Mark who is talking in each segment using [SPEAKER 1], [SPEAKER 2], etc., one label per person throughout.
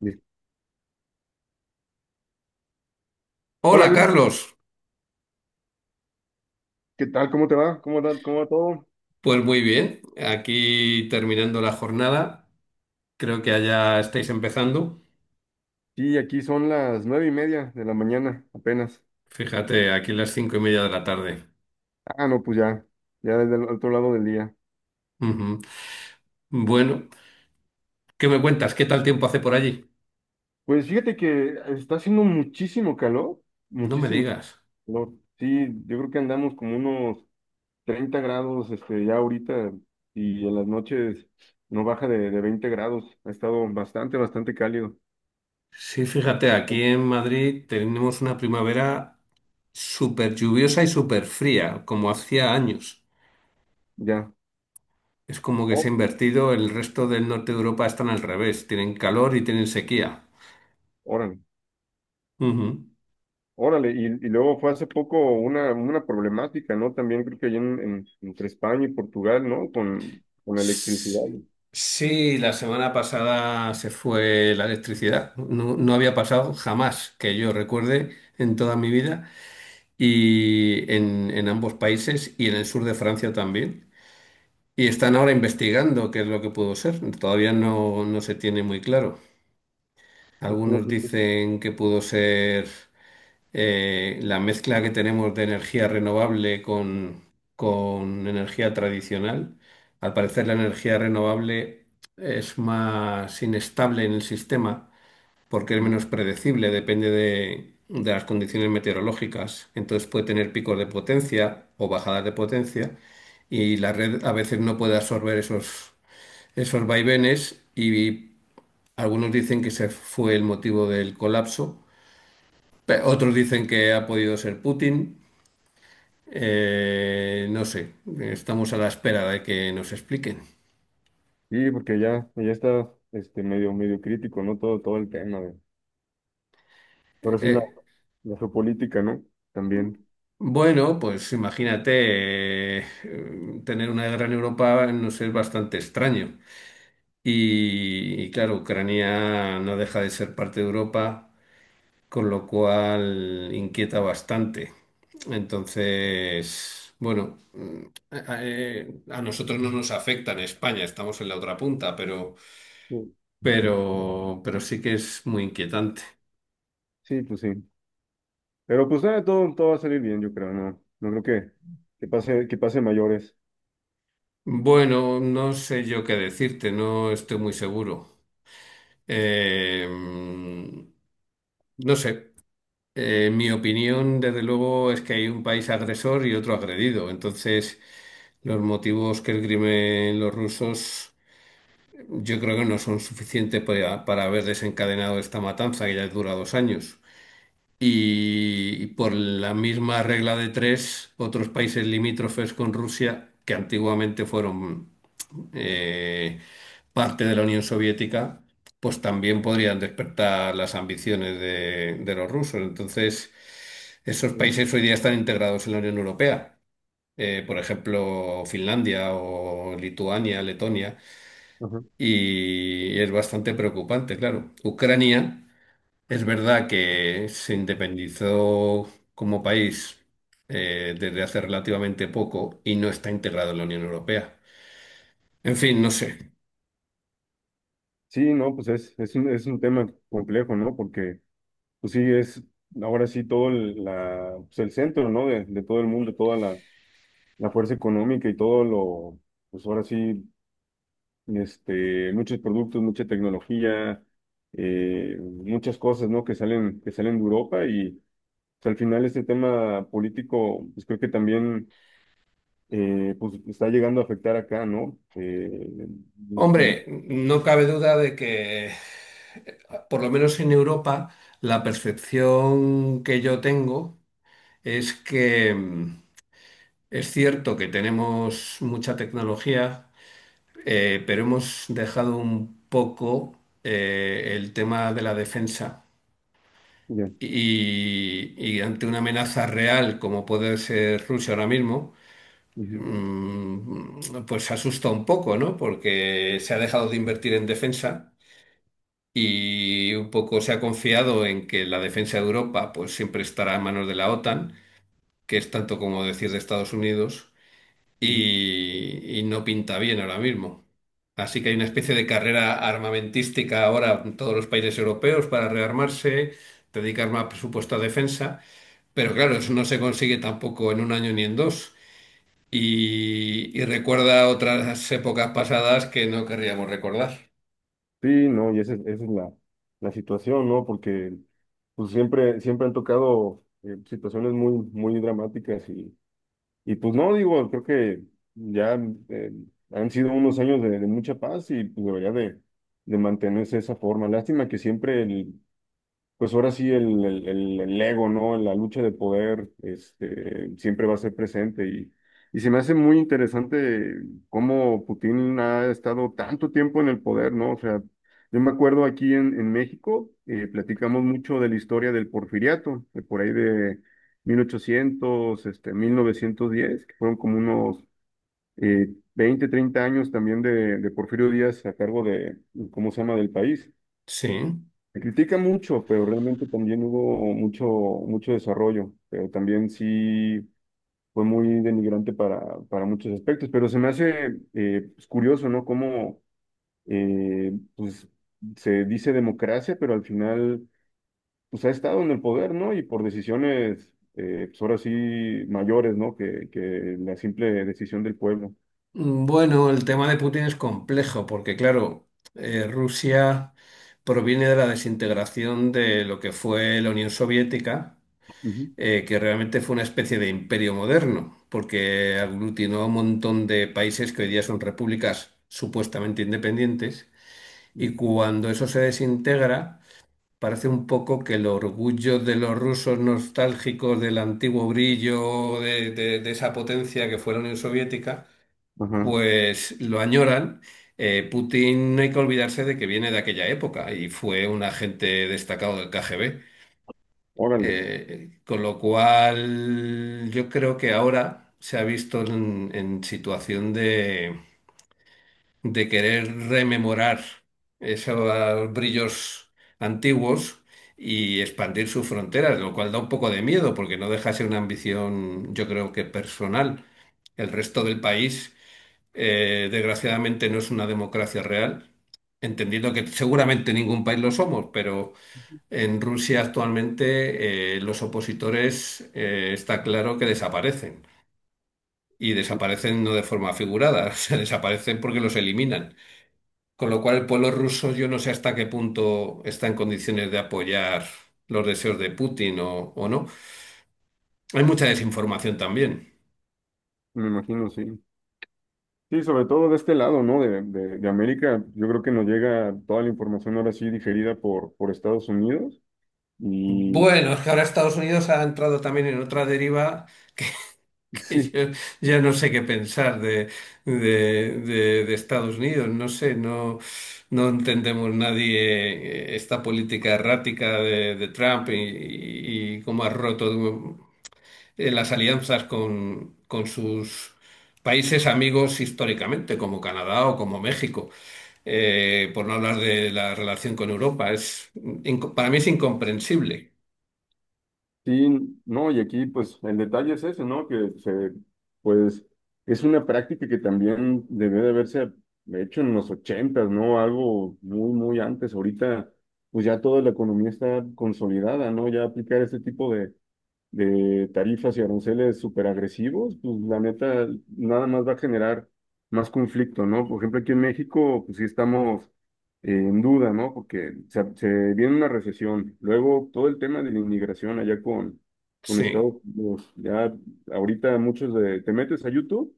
[SPEAKER 1] Listo. Hola,
[SPEAKER 2] Hola
[SPEAKER 1] Luis,
[SPEAKER 2] Carlos,
[SPEAKER 1] ¿qué tal? ¿Cómo te va? ¿Cómo va todo?
[SPEAKER 2] pues muy bien, aquí terminando la jornada, creo que allá estáis empezando,
[SPEAKER 1] Sí, aquí son las 9:30 de la mañana, apenas.
[SPEAKER 2] fíjate, aquí las cinco y media de la tarde.
[SPEAKER 1] Ah, no, pues ya desde el otro lado del día.
[SPEAKER 2] Ujú. Bueno, ¿qué me cuentas? ¿Qué tal tiempo hace por allí?
[SPEAKER 1] Pues fíjate que está haciendo muchísimo calor,
[SPEAKER 2] No me
[SPEAKER 1] muchísimo
[SPEAKER 2] digas.
[SPEAKER 1] calor. Sí, yo creo que andamos como unos 30 grados, ya ahorita, y en las noches no baja de 20 grados. Ha estado bastante, bastante cálido.
[SPEAKER 2] Sí, fíjate, aquí en Madrid tenemos una primavera súper lluviosa y súper fría, como hacía años.
[SPEAKER 1] Ya.
[SPEAKER 2] Es como que se ha
[SPEAKER 1] Oh,
[SPEAKER 2] invertido, el resto del norte de Europa están al revés, tienen calor y tienen sequía.
[SPEAKER 1] órale.
[SPEAKER 2] Ujú.
[SPEAKER 1] Órale, y luego fue hace poco una problemática, ¿no? También creo que allá entre España y Portugal, ¿no? Con electricidad.
[SPEAKER 2] Sí, la semana pasada se fue la electricidad. No, no había pasado jamás que yo recuerde en toda mi vida y en ambos países y en el sur de Francia también. Y están ahora investigando qué es lo que pudo ser. Todavía no se tiene muy claro.
[SPEAKER 1] Estuvo-
[SPEAKER 2] Algunos dicen que pudo ser la mezcla que tenemos de energía renovable con energía tradicional. Al parecer la energía renovable es más inestable en el sistema porque es menos predecible, depende de las condiciones meteorológicas. Entonces puede tener picos de potencia o bajadas de potencia y la red a veces no puede absorber esos vaivenes y algunos dicen que ese fue el motivo del colapso. Otros dicen que ha podido ser Putin, no sé, estamos a la espera de que nos expliquen.
[SPEAKER 1] Sí, porque ya está medio, medio crítico, ¿no? Todo el tema de. Ahora sí la,
[SPEAKER 2] Eh,
[SPEAKER 1] la geopolítica, ¿no? También.
[SPEAKER 2] bueno, pues imagínate, tener una guerra en Europa nos es bastante extraño. Y claro, Ucrania no deja de ser parte de Europa, con lo cual inquieta bastante. Entonces, bueno, a nosotros no nos afecta en España, estamos en la otra punta, pero,
[SPEAKER 1] Sí,
[SPEAKER 2] pero sí que es muy inquietante.
[SPEAKER 1] sí, pues sí. Pero pues nada, todo va a salir bien, yo creo, ¿no? No creo que pase mayores.
[SPEAKER 2] Bueno, no sé yo qué decirte, no estoy muy seguro. No sé, mi opinión desde luego es que hay un país agresor y otro agredido. Entonces, los motivos que esgrimen los rusos yo creo que no son suficientes para haber desencadenado esta matanza que ya dura dos años. Y por la misma regla de tres, otros países limítrofes con Rusia, que antiguamente fueron eh, parte de la Unión Soviética, pues también podrían despertar las ambiciones de los rusos. Entonces, esos
[SPEAKER 1] Sí.
[SPEAKER 2] países hoy día están integrados en la Unión Europea. Por ejemplo, Finlandia o Lituania, Letonia,
[SPEAKER 1] Ajá.
[SPEAKER 2] y es bastante preocupante, claro. Ucrania. Es verdad que se independizó como país desde hace relativamente poco y no está integrado en la Unión Europea. En fin, no sé.
[SPEAKER 1] Sí, no, pues es un tema complejo, ¿no? Porque. Pues sí, es ahora sí todo pues el centro, ¿no? De todo el mundo, toda la fuerza económica y todo lo, pues ahora sí, muchos productos, mucha tecnología, muchas cosas, ¿no? Que salen de Europa y pues, al final este tema político, pues creo que también, pues está llegando a afectar acá, ¿no? Y-
[SPEAKER 2] Hombre, no cabe duda de que, por lo menos en Europa, la percepción que yo tengo es que es cierto que tenemos mucha tecnología, pero hemos dejado un poco el tema de la defensa.
[SPEAKER 1] ya,
[SPEAKER 2] Y ante una amenaza real como puede ser Rusia ahora mismo,
[SPEAKER 1] ujú,
[SPEAKER 2] mm, pues asusta un poco, ¿no? Porque se ha dejado de invertir en defensa y un poco se ha confiado en que la defensa de Europa pues siempre estará a manos de la OTAN, que es tanto como decir de Estados Unidos,
[SPEAKER 1] ujú.
[SPEAKER 2] y no pinta bien ahora mismo. Así que hay una especie de carrera armamentística ahora en todos los países europeos para rearmarse, dedicar más presupuesto a defensa. Pero claro, eso no se consigue tampoco en un año ni en dos. Y recuerda otras épocas pasadas que no querríamos recordar.
[SPEAKER 1] Sí, no, y esa es la situación, ¿no? Porque pues siempre, siempre han tocado situaciones muy, muy dramáticas y pues no, digo, creo que ya eh, han sido unos años de mucha paz y pues debería de mantenerse de esa forma. Lástima que siempre pues ahora sí el ego, ¿no? La lucha de poder, siempre va a ser presente y se me hace muy interesante cómo Putin ha estado tanto tiempo en el poder, ¿no? O sea, yo me acuerdo aquí en México, platicamos mucho de la historia del Porfiriato, de por ahí de 1800, 1910, que fueron como unos eh, 20, 30 años también de Porfirio Díaz a cargo de, ¿cómo se llama?, del país.
[SPEAKER 2] Sí.
[SPEAKER 1] Se critica mucho, pero realmente también hubo mucho, mucho desarrollo, pero también sí fue muy denigrante para muchos aspectos, pero se me hace pues, curioso, ¿no? Cómo pues, se dice democracia, pero al final pues ha estado en el poder, ¿no? Y por decisiones, pues ahora sí, mayores, ¿no? Que la simple decisión del pueblo.
[SPEAKER 2] Bueno, el tema de Putin es complejo porque, claro, Rusia proviene de la desintegración de lo que fue la Unión Soviética,
[SPEAKER 1] Ujú,
[SPEAKER 2] que realmente fue una especie de imperio moderno, porque aglutinó a un montón de países que hoy día son repúblicas supuestamente independientes. Y
[SPEAKER 1] ujú.
[SPEAKER 2] cuando eso se desintegra, parece un poco que el orgullo de los rusos nostálgicos del antiguo brillo de, de esa potencia que fue la Unión Soviética,
[SPEAKER 1] Ajá,
[SPEAKER 2] pues lo añoran. Putin no hay que olvidarse de que viene de aquella época y fue un agente destacado del KGB.
[SPEAKER 1] órale,
[SPEAKER 2] Con lo cual, yo creo que ahora se ha visto en situación de querer rememorar esos brillos antiguos y expandir sus fronteras, lo cual da un poco de miedo porque no deja de ser una ambición, yo creo que personal. El resto del país, desgraciadamente, no es una democracia real, entendiendo que seguramente ningún país lo somos, pero en Rusia actualmente los opositores está claro que desaparecen. Y desaparecen no de forma figurada, se desaparecen porque los eliminan. Con lo cual, el pueblo ruso yo no sé hasta qué punto está en condiciones de apoyar los deseos de Putin o no. Hay mucha desinformación también.
[SPEAKER 1] me imagino, sí. Sí, sobre todo de este lado, ¿no? De América, yo creo que nos llega toda la información ahora sí digerida por Estados Unidos. Y
[SPEAKER 2] Bueno, es que ahora Estados Unidos ha entrado también en otra deriva que, que
[SPEAKER 1] sí,
[SPEAKER 2] yo ya no sé qué pensar de, de- de Estados Unidos. No sé, no, no entendemos nadie esta política errática de Trump y, y cómo ha roto las alianzas con sus países amigos históricamente, como Canadá o como México, por no hablar de la relación con Europa. Es, para mí es incomprensible.
[SPEAKER 1] sí, no, y aquí pues el detalle es ese, ¿no? Que pues es una práctica que también debe de haberse hecho en los ochentas, ¿no? Algo muy, muy antes. Ahorita, pues ya toda la economía está consolidada, ¿no? Ya aplicar este tipo de tarifas y aranceles súper agresivos, pues la neta nada más va a generar más conflicto, ¿no? Por ejemplo, aquí en México, pues sí estamos en duda, ¿no? Porque se viene una recesión. Luego todo el tema de la inmigración allá con
[SPEAKER 2] Sí,
[SPEAKER 1] Estados Unidos. Ya ahorita muchos de, te metes a YouTube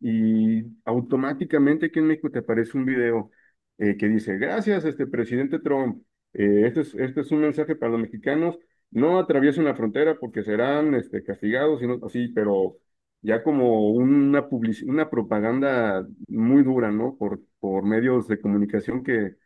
[SPEAKER 1] y automáticamente aquí en México te aparece un video que dice, gracias, este presidente Trump. Este es un mensaje para los mexicanos. No atraviesen la frontera porque serán castigados, sino así, pero ya como una propaganda muy dura, ¿no? Por medios de comunicación que,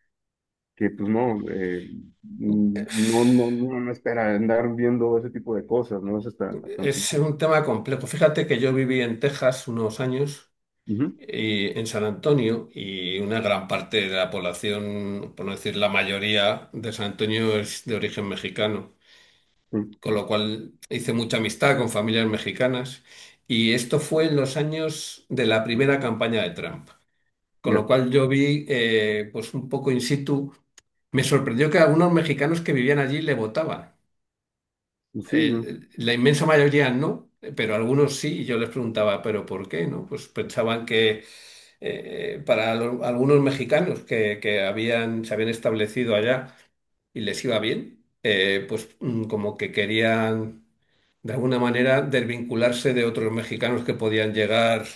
[SPEAKER 1] que pues no, no, no, no, no espera andar viendo ese tipo de cosas, ¿no? Es hasta, hasta.
[SPEAKER 2] es un tema complejo. Fíjate que yo viví en Texas unos años,
[SPEAKER 1] Ujú,
[SPEAKER 2] y en San Antonio, y una gran parte de la población, por no decir la mayoría de San Antonio, es de origen mexicano,
[SPEAKER 1] sí,
[SPEAKER 2] con lo cual hice mucha amistad con familias mexicanas. Y esto fue en los años de la primera campaña de Trump, con lo
[SPEAKER 1] ya,
[SPEAKER 2] cual yo vi pues un poco in situ. Me sorprendió que algunos mexicanos que vivían allí le votaban.
[SPEAKER 1] sí, ¿no?
[SPEAKER 2] La inmensa mayoría no, pero algunos sí. Y yo les preguntaba, ¿pero por qué? ¿No? Pues pensaban que algunos mexicanos que habían, se habían establecido allá y les iba bien, pues como que querían de alguna manera desvincularse de otros mexicanos que podían llegar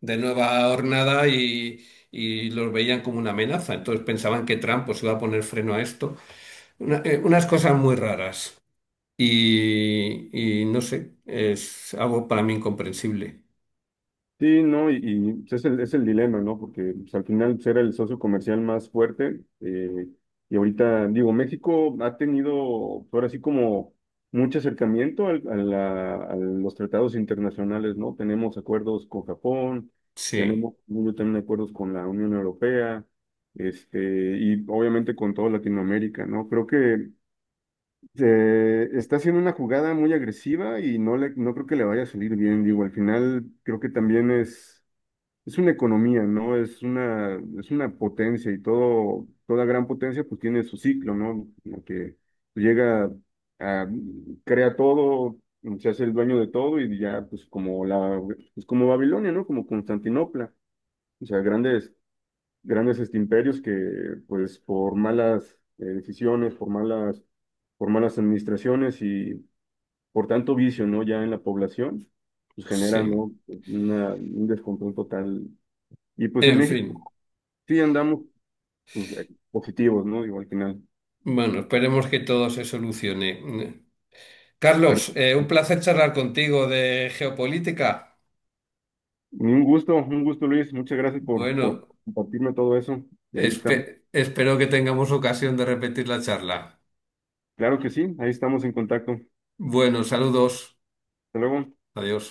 [SPEAKER 2] de nueva hornada y los veían como una amenaza. Entonces pensaban que Trump pues iba a poner freno a esto. Unas cosas muy raras. Y no sé, es algo para mí incomprensible.
[SPEAKER 1] Sí, no, pues, es el dilema, ¿no? Porque pues, al final pues, era el socio comercial más fuerte, y ahorita, digo, México ha tenido, pues, ahora sí como mucho acercamiento a los tratados internacionales, ¿no? Tenemos acuerdos con Japón,
[SPEAKER 2] Sí,
[SPEAKER 1] tenemos yo también acuerdos con la Unión Europea, y obviamente con toda Latinoamérica, ¿no? Creo que está haciendo una jugada muy agresiva y no creo que le vaya a salir bien, digo, al final creo que también es una economía, ¿no? Es una potencia y todo, toda gran potencia pues tiene su ciclo, ¿no? Como que llega a, crea todo, se hace el dueño de todo y ya pues pues como Babilonia, ¿no? Como Constantinopla. O sea, grandes, grandes imperios que pues por malas decisiones, por malas administraciones y por tanto vicio, ¿no? Ya en la población, pues generan,
[SPEAKER 2] sí.
[SPEAKER 1] ¿no? Una, un descontrol total. Y pues en
[SPEAKER 2] En
[SPEAKER 1] México.
[SPEAKER 2] fin,
[SPEAKER 1] Sí, andamos pues, positivos, ¿no? Digo, al final.
[SPEAKER 2] bueno, esperemos que todo se solucione.
[SPEAKER 1] Pero
[SPEAKER 2] Carlos, un placer charlar contigo de geopolítica.
[SPEAKER 1] un gusto, Luis. Muchas gracias por
[SPEAKER 2] Bueno.
[SPEAKER 1] compartirme todo eso. Y ahí está.
[SPEAKER 2] Espero que tengamos ocasión de repetir la charla.
[SPEAKER 1] Claro que sí, ahí estamos en contacto. Hasta
[SPEAKER 2] Bueno, saludos.
[SPEAKER 1] luego.
[SPEAKER 2] Adiós.